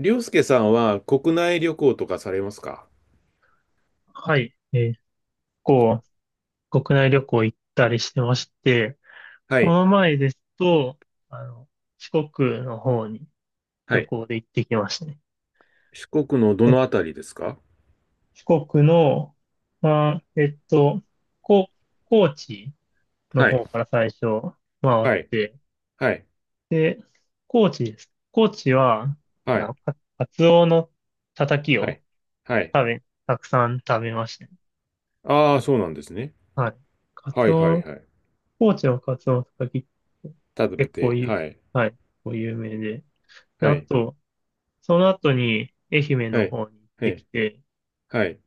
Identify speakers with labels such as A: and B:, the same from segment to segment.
A: りょうすけさんは国内旅行とかされますか？
B: はい。こ国内旅行行ったりしてまして、
A: は
B: こ
A: い。
B: の前ですと、あの、四国の方に
A: は
B: 旅
A: い。
B: 行で行ってきましたね。
A: 四国のど
B: え
A: のあたりですか？
B: 四国の、まあ、こ、高知の
A: はい。
B: 方から最初回っ
A: はい。
B: て、
A: はい。
B: で、高知です。高知は、
A: はい。
B: カツオのたたき
A: は
B: を
A: い。はい。
B: たくさん食べましたね。
A: ああ、そうなんですね。
B: はい。カ
A: は
B: ツ
A: いはい
B: オ
A: はい。
B: 高知のカツオのたたきって
A: 食べ
B: 結構
A: て、
B: 有
A: はい。
B: はい、結構有名で。で
A: は
B: あ
A: い。
B: と、その後に愛媛
A: は
B: の
A: い。
B: 方に行っ
A: は
B: てき
A: い。
B: て、
A: はい。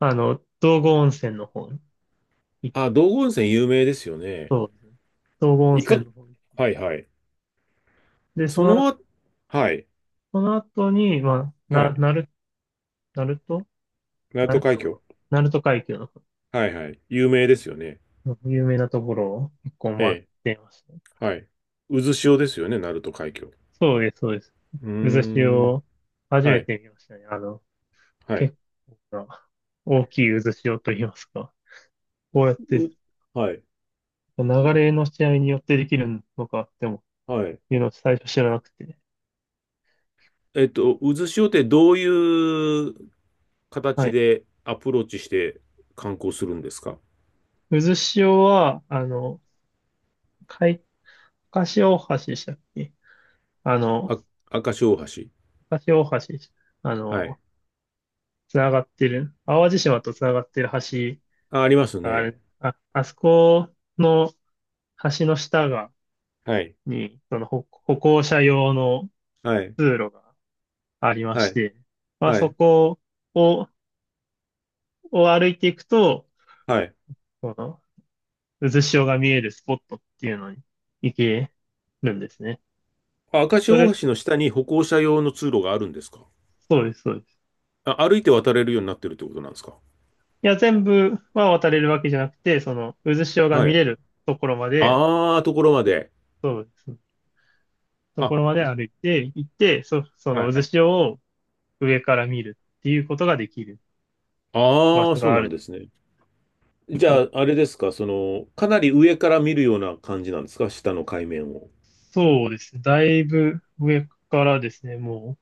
B: 道後温泉の方に行っ
A: あ、道後温泉有名ですよね。
B: そうですね。道後温
A: いか、
B: 泉の方に。
A: はいはい。
B: で、
A: そのあ、はい。
B: その後に、まあ、
A: は
B: な、
A: い。
B: なる、鳴門
A: 鳴門
B: 鳴
A: 海峡。
B: 門、鳴門海峡の方
A: はいはい。有名ですよね。
B: の有名なところを結構
A: え
B: 回っ
A: え。
B: てましたね。
A: はい。渦潮ですよね、鳴門海峡。う
B: そうです、そうです。
A: ー
B: 渦
A: ん。
B: 潮、初
A: は
B: め
A: い。
B: て見ましたね。
A: はい。
B: 結構な大きい渦潮と言いますか。こうやって、
A: う、はい、
B: 流れの試合によってできるのかっても、
A: はい。
B: いうのを最初知らなくて。
A: 渦潮ってどういう
B: は
A: 形
B: い。
A: でアプローチして観光するんですか？
B: 渦潮は、海、かし大橋でしたっけ？あの、
A: あ、赤潮大橋。
B: かし大橋、あ
A: はい。
B: の、つながってる、淡路島とつながってる橋
A: あ、あります
B: があ
A: ね。
B: る、あそこの橋の
A: はい。
B: に、その歩行者用の
A: はい。
B: 通路がありま
A: は
B: し
A: い。
B: て、まあ
A: は
B: そ
A: い。
B: こを、を歩いていくと、
A: はい。
B: その渦潮が見えるスポットっていうのに行けるんですね。
A: あ、赤
B: そ
A: 潮
B: れ、
A: 大橋の下に歩行者用の通路があるんですか？
B: そうです、そうです。
A: あ、歩いて渡れるようになってるってことなんですか？
B: いや、全部は渡れるわけじゃなくて、その渦潮が
A: は
B: 見
A: い。
B: れるところまで、
A: ああ、ところまで。
B: そうです。とこ
A: あ、
B: ろまで歩いて行って、そ
A: は
B: の渦
A: い。
B: 潮を上から見るっていうことができる場
A: ああ、
B: 所
A: そ
B: が
A: う
B: あ
A: なん
B: るん
A: で
B: で
A: す
B: す。
A: ね。じ
B: そ
A: ゃ
B: う
A: あ、あれですか、その、かなり上から見るような感じなんですか、下の海面を。
B: そうですね。だいぶ上からですね、も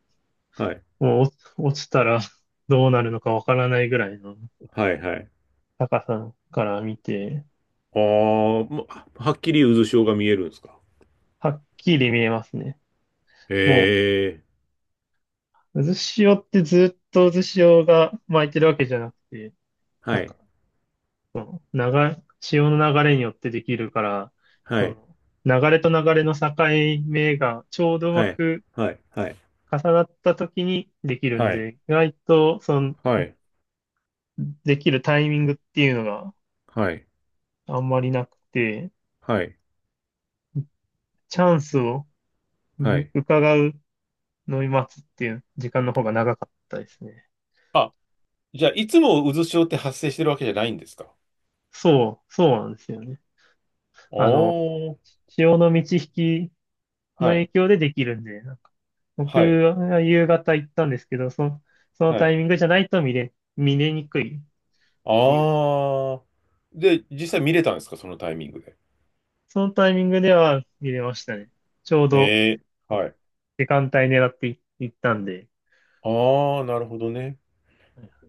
A: はい。
B: う、もう落ちたら どうなるのかわからないぐらいの
A: はいはい。
B: 高さから見て、
A: あーまはっきり渦潮が見えるんですか。
B: はっきり見えますね。
A: へ
B: もう
A: え。
B: 渦潮ってずっと渦潮が巻いてるわけじゃなくて、
A: は
B: なん
A: い。
B: か、潮の流れによってできるから、
A: はい。
B: そ流れと流れの境目がちょうどうま
A: はい。
B: く
A: はい。はい。
B: 重なった時にできるん
A: はい。
B: で、意外と、
A: はい。
B: できるタイミングっていうのが
A: はい。
B: あんまりなくて、
A: はい。
B: チャンスをう
A: はい。
B: 伺うのを待つっていう時間の方が長かったですね。
A: あ、じゃあ、いつも渦潮って発生してるわけじゃないんですか？
B: そうなんですよね。
A: お
B: あの、
A: ー、
B: 潮の満ち引きの
A: は
B: 影
A: い、
B: 響でできるんで、なんか僕
A: はい、
B: は夕方行ったんですけど、その
A: は
B: タイ
A: い。
B: ミングじゃないと見れにくいっていう、
A: ああ。で、実際見れたんですか、そのタイミングで。
B: そのタイミングでは見れましたね。ちょうど
A: ええ、はい。
B: 時間帯狙って行ったんで。
A: ああ、なるほどね。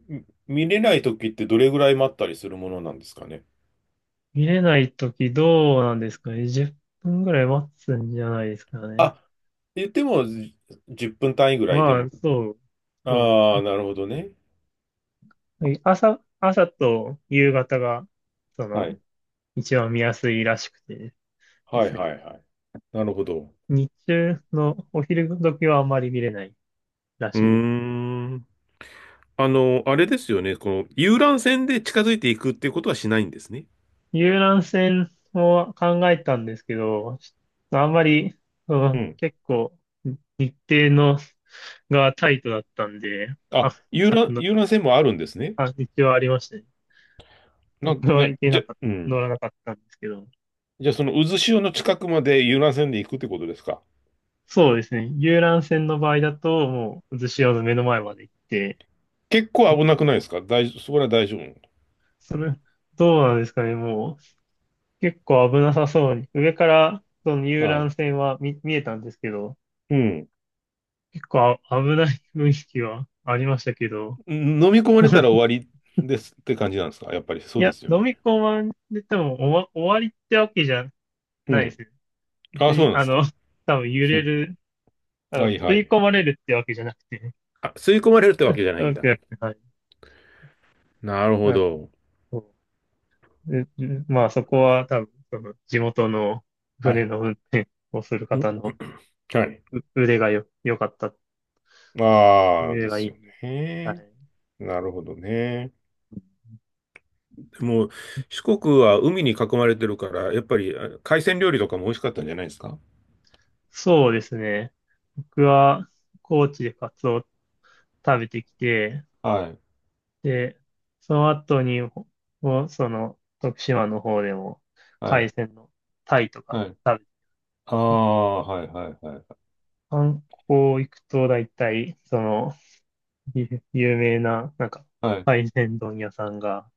A: 見れない時ってどれぐらい待ったりするものなんですかね？
B: 見れないときどうなんですかね。10分ぐらい待つんじゃないですかね。
A: あ、言ってもじ10分単位ぐらいで
B: まあ、
A: も。
B: そう、そ
A: あ
B: う。
A: あ、なるほどね。
B: はい。朝と夕方が、そ
A: は
B: の、
A: い。
B: 一番見やすいらしくてで
A: はい
B: すね。
A: はいはい。なるほど。
B: 日中のお昼時はあんまり見れないだ
A: うー
B: し、
A: ん。あれですよね。この遊覧船で近づいていくっていうことはしないんですね。
B: 遊覧船を考えたんですけど、あんまり、う
A: う
B: ん、
A: ん。
B: 結構日程のがタイトだったんで、あ、
A: あ、
B: あの、
A: 遊覧船もあるんですね。
B: 一応ありましたね。
A: なん、
B: 僕は
A: ね、
B: 行け
A: じ
B: な
A: ゃ、
B: かっ
A: う
B: た、
A: ん。
B: 乗らなかったんですけど、
A: じゃあ、その渦潮の近くまで遊覧船で行くってことですか。
B: そうですね。遊覧船の場合だと、もう、渦潮の目の前まで行って、
A: 結構危なくないですか？大丈夫、そこら大丈夫。
B: それ、どうなんですかね、もう、結構危なさそうに、上から、その遊
A: は
B: 覧
A: い。
B: 船は見えたんですけど、
A: うん。
B: 結構危ない雰囲気はありましたけど、
A: 飲み込まれたら 終わりですって感じなんですか？やっぱり
B: い
A: そうで
B: や、
A: すよ
B: 飲み
A: ね。
B: 込まれても終わりってわけじゃ
A: う
B: ないで
A: ん。
B: すね。別
A: あ、そう
B: に、
A: なんですか。
B: 多分揺
A: う
B: れ
A: ん。
B: る、
A: はい
B: 吸
A: は
B: い
A: い。
B: 込まれるってわけじゃなくて、
A: あ、吸い込まれるっ てわ
B: わけ
A: けじゃな
B: じゃ
A: いん
B: なく
A: だ。
B: て、はい。
A: なるほ
B: なんで
A: ど。
B: そうでまあ、そこは多分、地元の
A: は
B: 船
A: い。
B: の運転をする
A: ん
B: 方の
A: はい。
B: う腕がよ、良かった、
A: ああ、
B: 腕
A: で
B: がい
A: す
B: い
A: よ
B: んで。は
A: ね。
B: い。
A: なるほどね。でも、四国は海に囲まれてるから、やっぱり海鮮料理とかも美味しかったんじゃないですか？
B: そうですね。僕は、高知でカツオを食べてきて、
A: はい。
B: で、その後に、ほほその、徳島の方でも、
A: は
B: 海
A: い。
B: 鮮のタイとか
A: はい。
B: 食
A: あ
B: べて、
A: あ、はいはいはい。
B: 観光行くと大体、有名な、なんか、
A: はい。
B: 海鮮丼屋さんが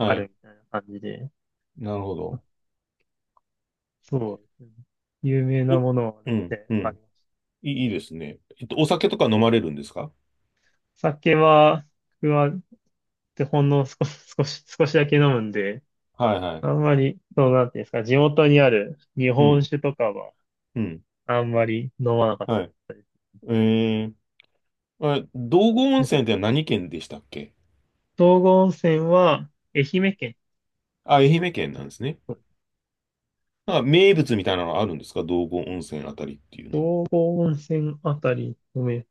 B: あ
A: い。
B: るみたいな感じで、
A: なるほど。
B: そうですね。有名な
A: お、
B: ものは
A: う
B: 大
A: ん、
B: 体
A: う
B: あり
A: ん。
B: ます。
A: いいですね。お酒とか飲まれるんですか？
B: 酒は、僕は、ほんの少しだけ飲むんで、
A: はいはい。
B: あんまり、そうなんていうんですか、地元にある日
A: う
B: 本
A: ん、
B: 酒とかは、
A: うん。
B: あんまり飲まなかっ
A: はい。
B: た。
A: えあ、道後温泉って何県でしたっけ？
B: 道後温泉は、愛媛県。
A: あ、愛媛県なんですね。なんか名物みたいなのあるんですか、道後温泉あたりっていうの
B: 道後温泉あたりの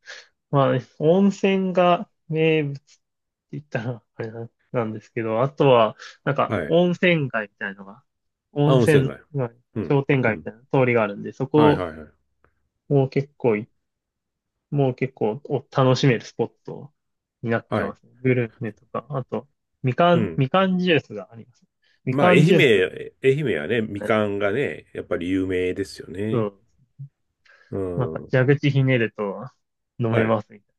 B: まあね、温泉が名物って言ったら、あれな、なんですけど、あとは、なんか、
A: は。はい。あ、
B: 温
A: 温泉
B: 泉
A: 街。
B: 街、
A: うん。
B: 商店
A: う
B: 街みた
A: ん。
B: いな通りがあるんで、そ
A: はい
B: こ
A: はいはい。
B: も結構い、もう結構楽しめるスポットになって
A: は
B: ま
A: い。
B: すね。グルメとか、あと、
A: うん。
B: みかんジュースがあります。み
A: まあ、
B: かんジュースの、
A: 愛媛はね、み
B: はい、
A: かんがね、やっぱり有名ですよ
B: そ
A: ね。
B: う、
A: う
B: なんか
A: ん。
B: 蛇口ひねると飲め
A: はい。
B: ますみたいな。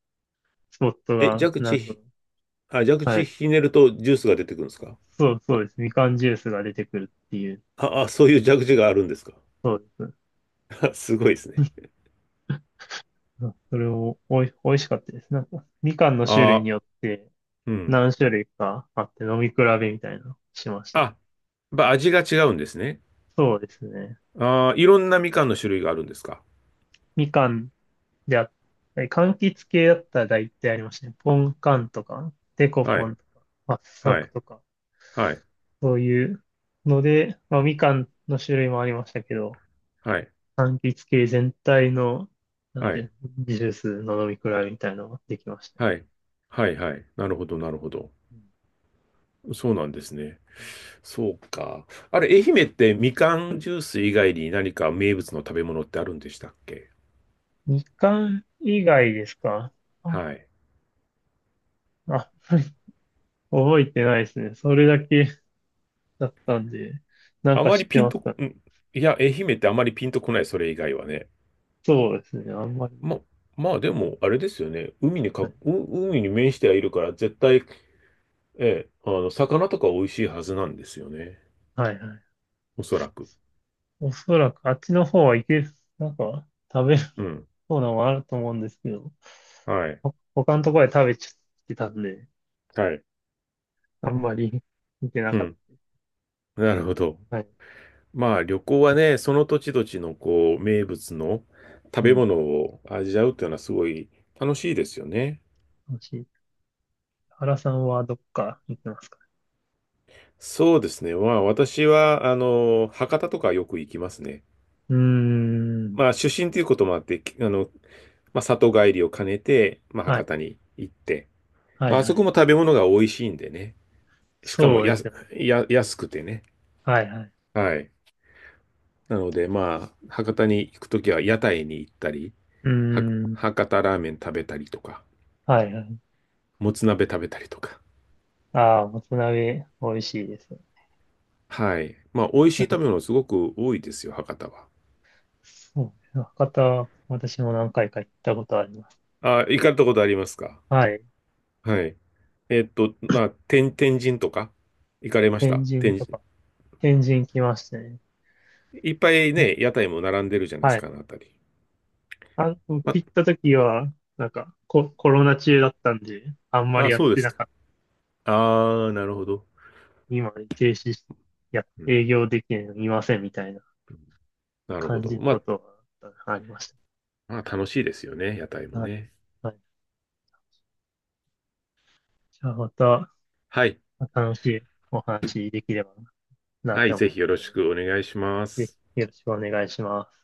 B: スポット
A: え、
B: が、
A: 蛇
B: な
A: 口
B: んか、
A: ひ、あ、蛇
B: は
A: 口
B: い。
A: ひねるとジュースが出てくるんですか？
B: そうです。みかんジュースが出てくるっていう。
A: あ、そういう蛇口があるんですか？
B: そうです。
A: すごいですね。
B: うん、それを美味しかったです。なんか、みかんの種類に
A: あ、
B: よって
A: うん。
B: 何種類かあって飲み比べみたいなのしまし
A: あ、
B: た
A: や
B: ね。
A: っぱ味が違うんですね。
B: そうですね。
A: ああ、いろんなみかんの種類があるんですか。
B: みかんであったり、柑橘系だったら大体ありましたね。ポンカンとか、デコ
A: は
B: ポ
A: い、
B: ンとか、圧
A: は
B: 搾
A: い、
B: とか、
A: はい、
B: そういうので、まあ、みかんの種類もありましたけど、
A: はい、
B: 柑橘系全体の、なん
A: はい、
B: て、ジュースの飲み比べみたいなのができましたね。
A: はい、はい、はい。なるほど、なるほど。
B: うん。
A: そうなんですね。そうか。あれ、愛媛ってみかんジュース以外に何か名物の食べ物ってあるんでしたっけ？
B: みかん以外ですかあ、
A: はい。
B: あ 覚えてないですね。それだけだったんで、なん
A: あ
B: か
A: まり
B: 知っ
A: ピ
B: て
A: ン
B: ます
A: と、
B: かね。
A: ん、いや、愛媛ってあまりピンとこない、それ以外はね。
B: そうですね。あんまり。
A: ま、まあでも、あれですよね。
B: はい
A: 海に面してはいるから、絶対、ええ、魚とか美味しいはずなんですよね。
B: はいはい。
A: おそらく。
B: おそらくあっちの方はなんか食べる
A: うん。
B: そうなのもあると思うんですけど、
A: はい。
B: 他のところで食べちゃってたんで、
A: はい。
B: あんまり見てな
A: う
B: かっ
A: ん。なるほど。
B: た。はい。
A: まあ旅行はね、その土地土地のこう名物の食
B: う
A: べ
B: ん。
A: 物を味わうっていうのはすごい楽しいですよね。
B: 楽しい。原さんはどっか行ってますか？
A: そうですね。まあ私は、博多とかよく行きますね。
B: うーん。
A: まあ出身ということもあって、まあ里帰りを兼ねて、まあ
B: は
A: 博多
B: い。
A: に行って。
B: は
A: ま
B: い、
A: ああ
B: は
A: そ
B: い。
A: こも食べ物が美味しいんでね。しかも
B: そう
A: や
B: です
A: す、
B: よね。
A: や、安くてね。
B: はい、はい。
A: はい。なのでまあ博多に行くときは屋台に行ったり、
B: うー
A: は
B: ん。
A: 博多ラーメン食べたりとか。
B: はい、はい。
A: もつ鍋食べたりとか。
B: ああ、もつ鍋、美味しいですよ。
A: はい。まあ、美味しい
B: なんか
A: 食べ物すごく多いですよ、博多は。
B: そうね、博多、私も何回か行ったことあります。
A: あ、行かれたことありますか？
B: はい。
A: はい。まあ、天神とか、行かれまし
B: 天
A: た、
B: 神
A: 天
B: と
A: 神？
B: か、天神来ましたね。
A: いっぱいね、屋台も並んでるじゃないで
B: は
A: すか、
B: い。
A: あの辺り。
B: 僕
A: ま
B: 行った時は、なんかコロナ中だったんで、あんま
A: あ、
B: り
A: あ、
B: やっ
A: そうで
B: て
A: す
B: な
A: か。
B: かった。
A: ああ、なるほど。
B: 今、停止して、いや、
A: うん。
B: 営業できないの見ませんみたいな
A: なるほ
B: 感じ
A: ど。
B: ることがありまし
A: まあ、楽しいですよね、屋台
B: た。
A: も
B: はい。
A: ね。
B: はい。じゃあまた
A: はい。
B: 楽しいお話できればなっ
A: は
B: て
A: い、ぜ
B: 思い
A: ひ
B: ま
A: よろ
B: すの
A: し
B: で、
A: くお願いしま
B: ぜ
A: す。
B: ひよろしくお願いします。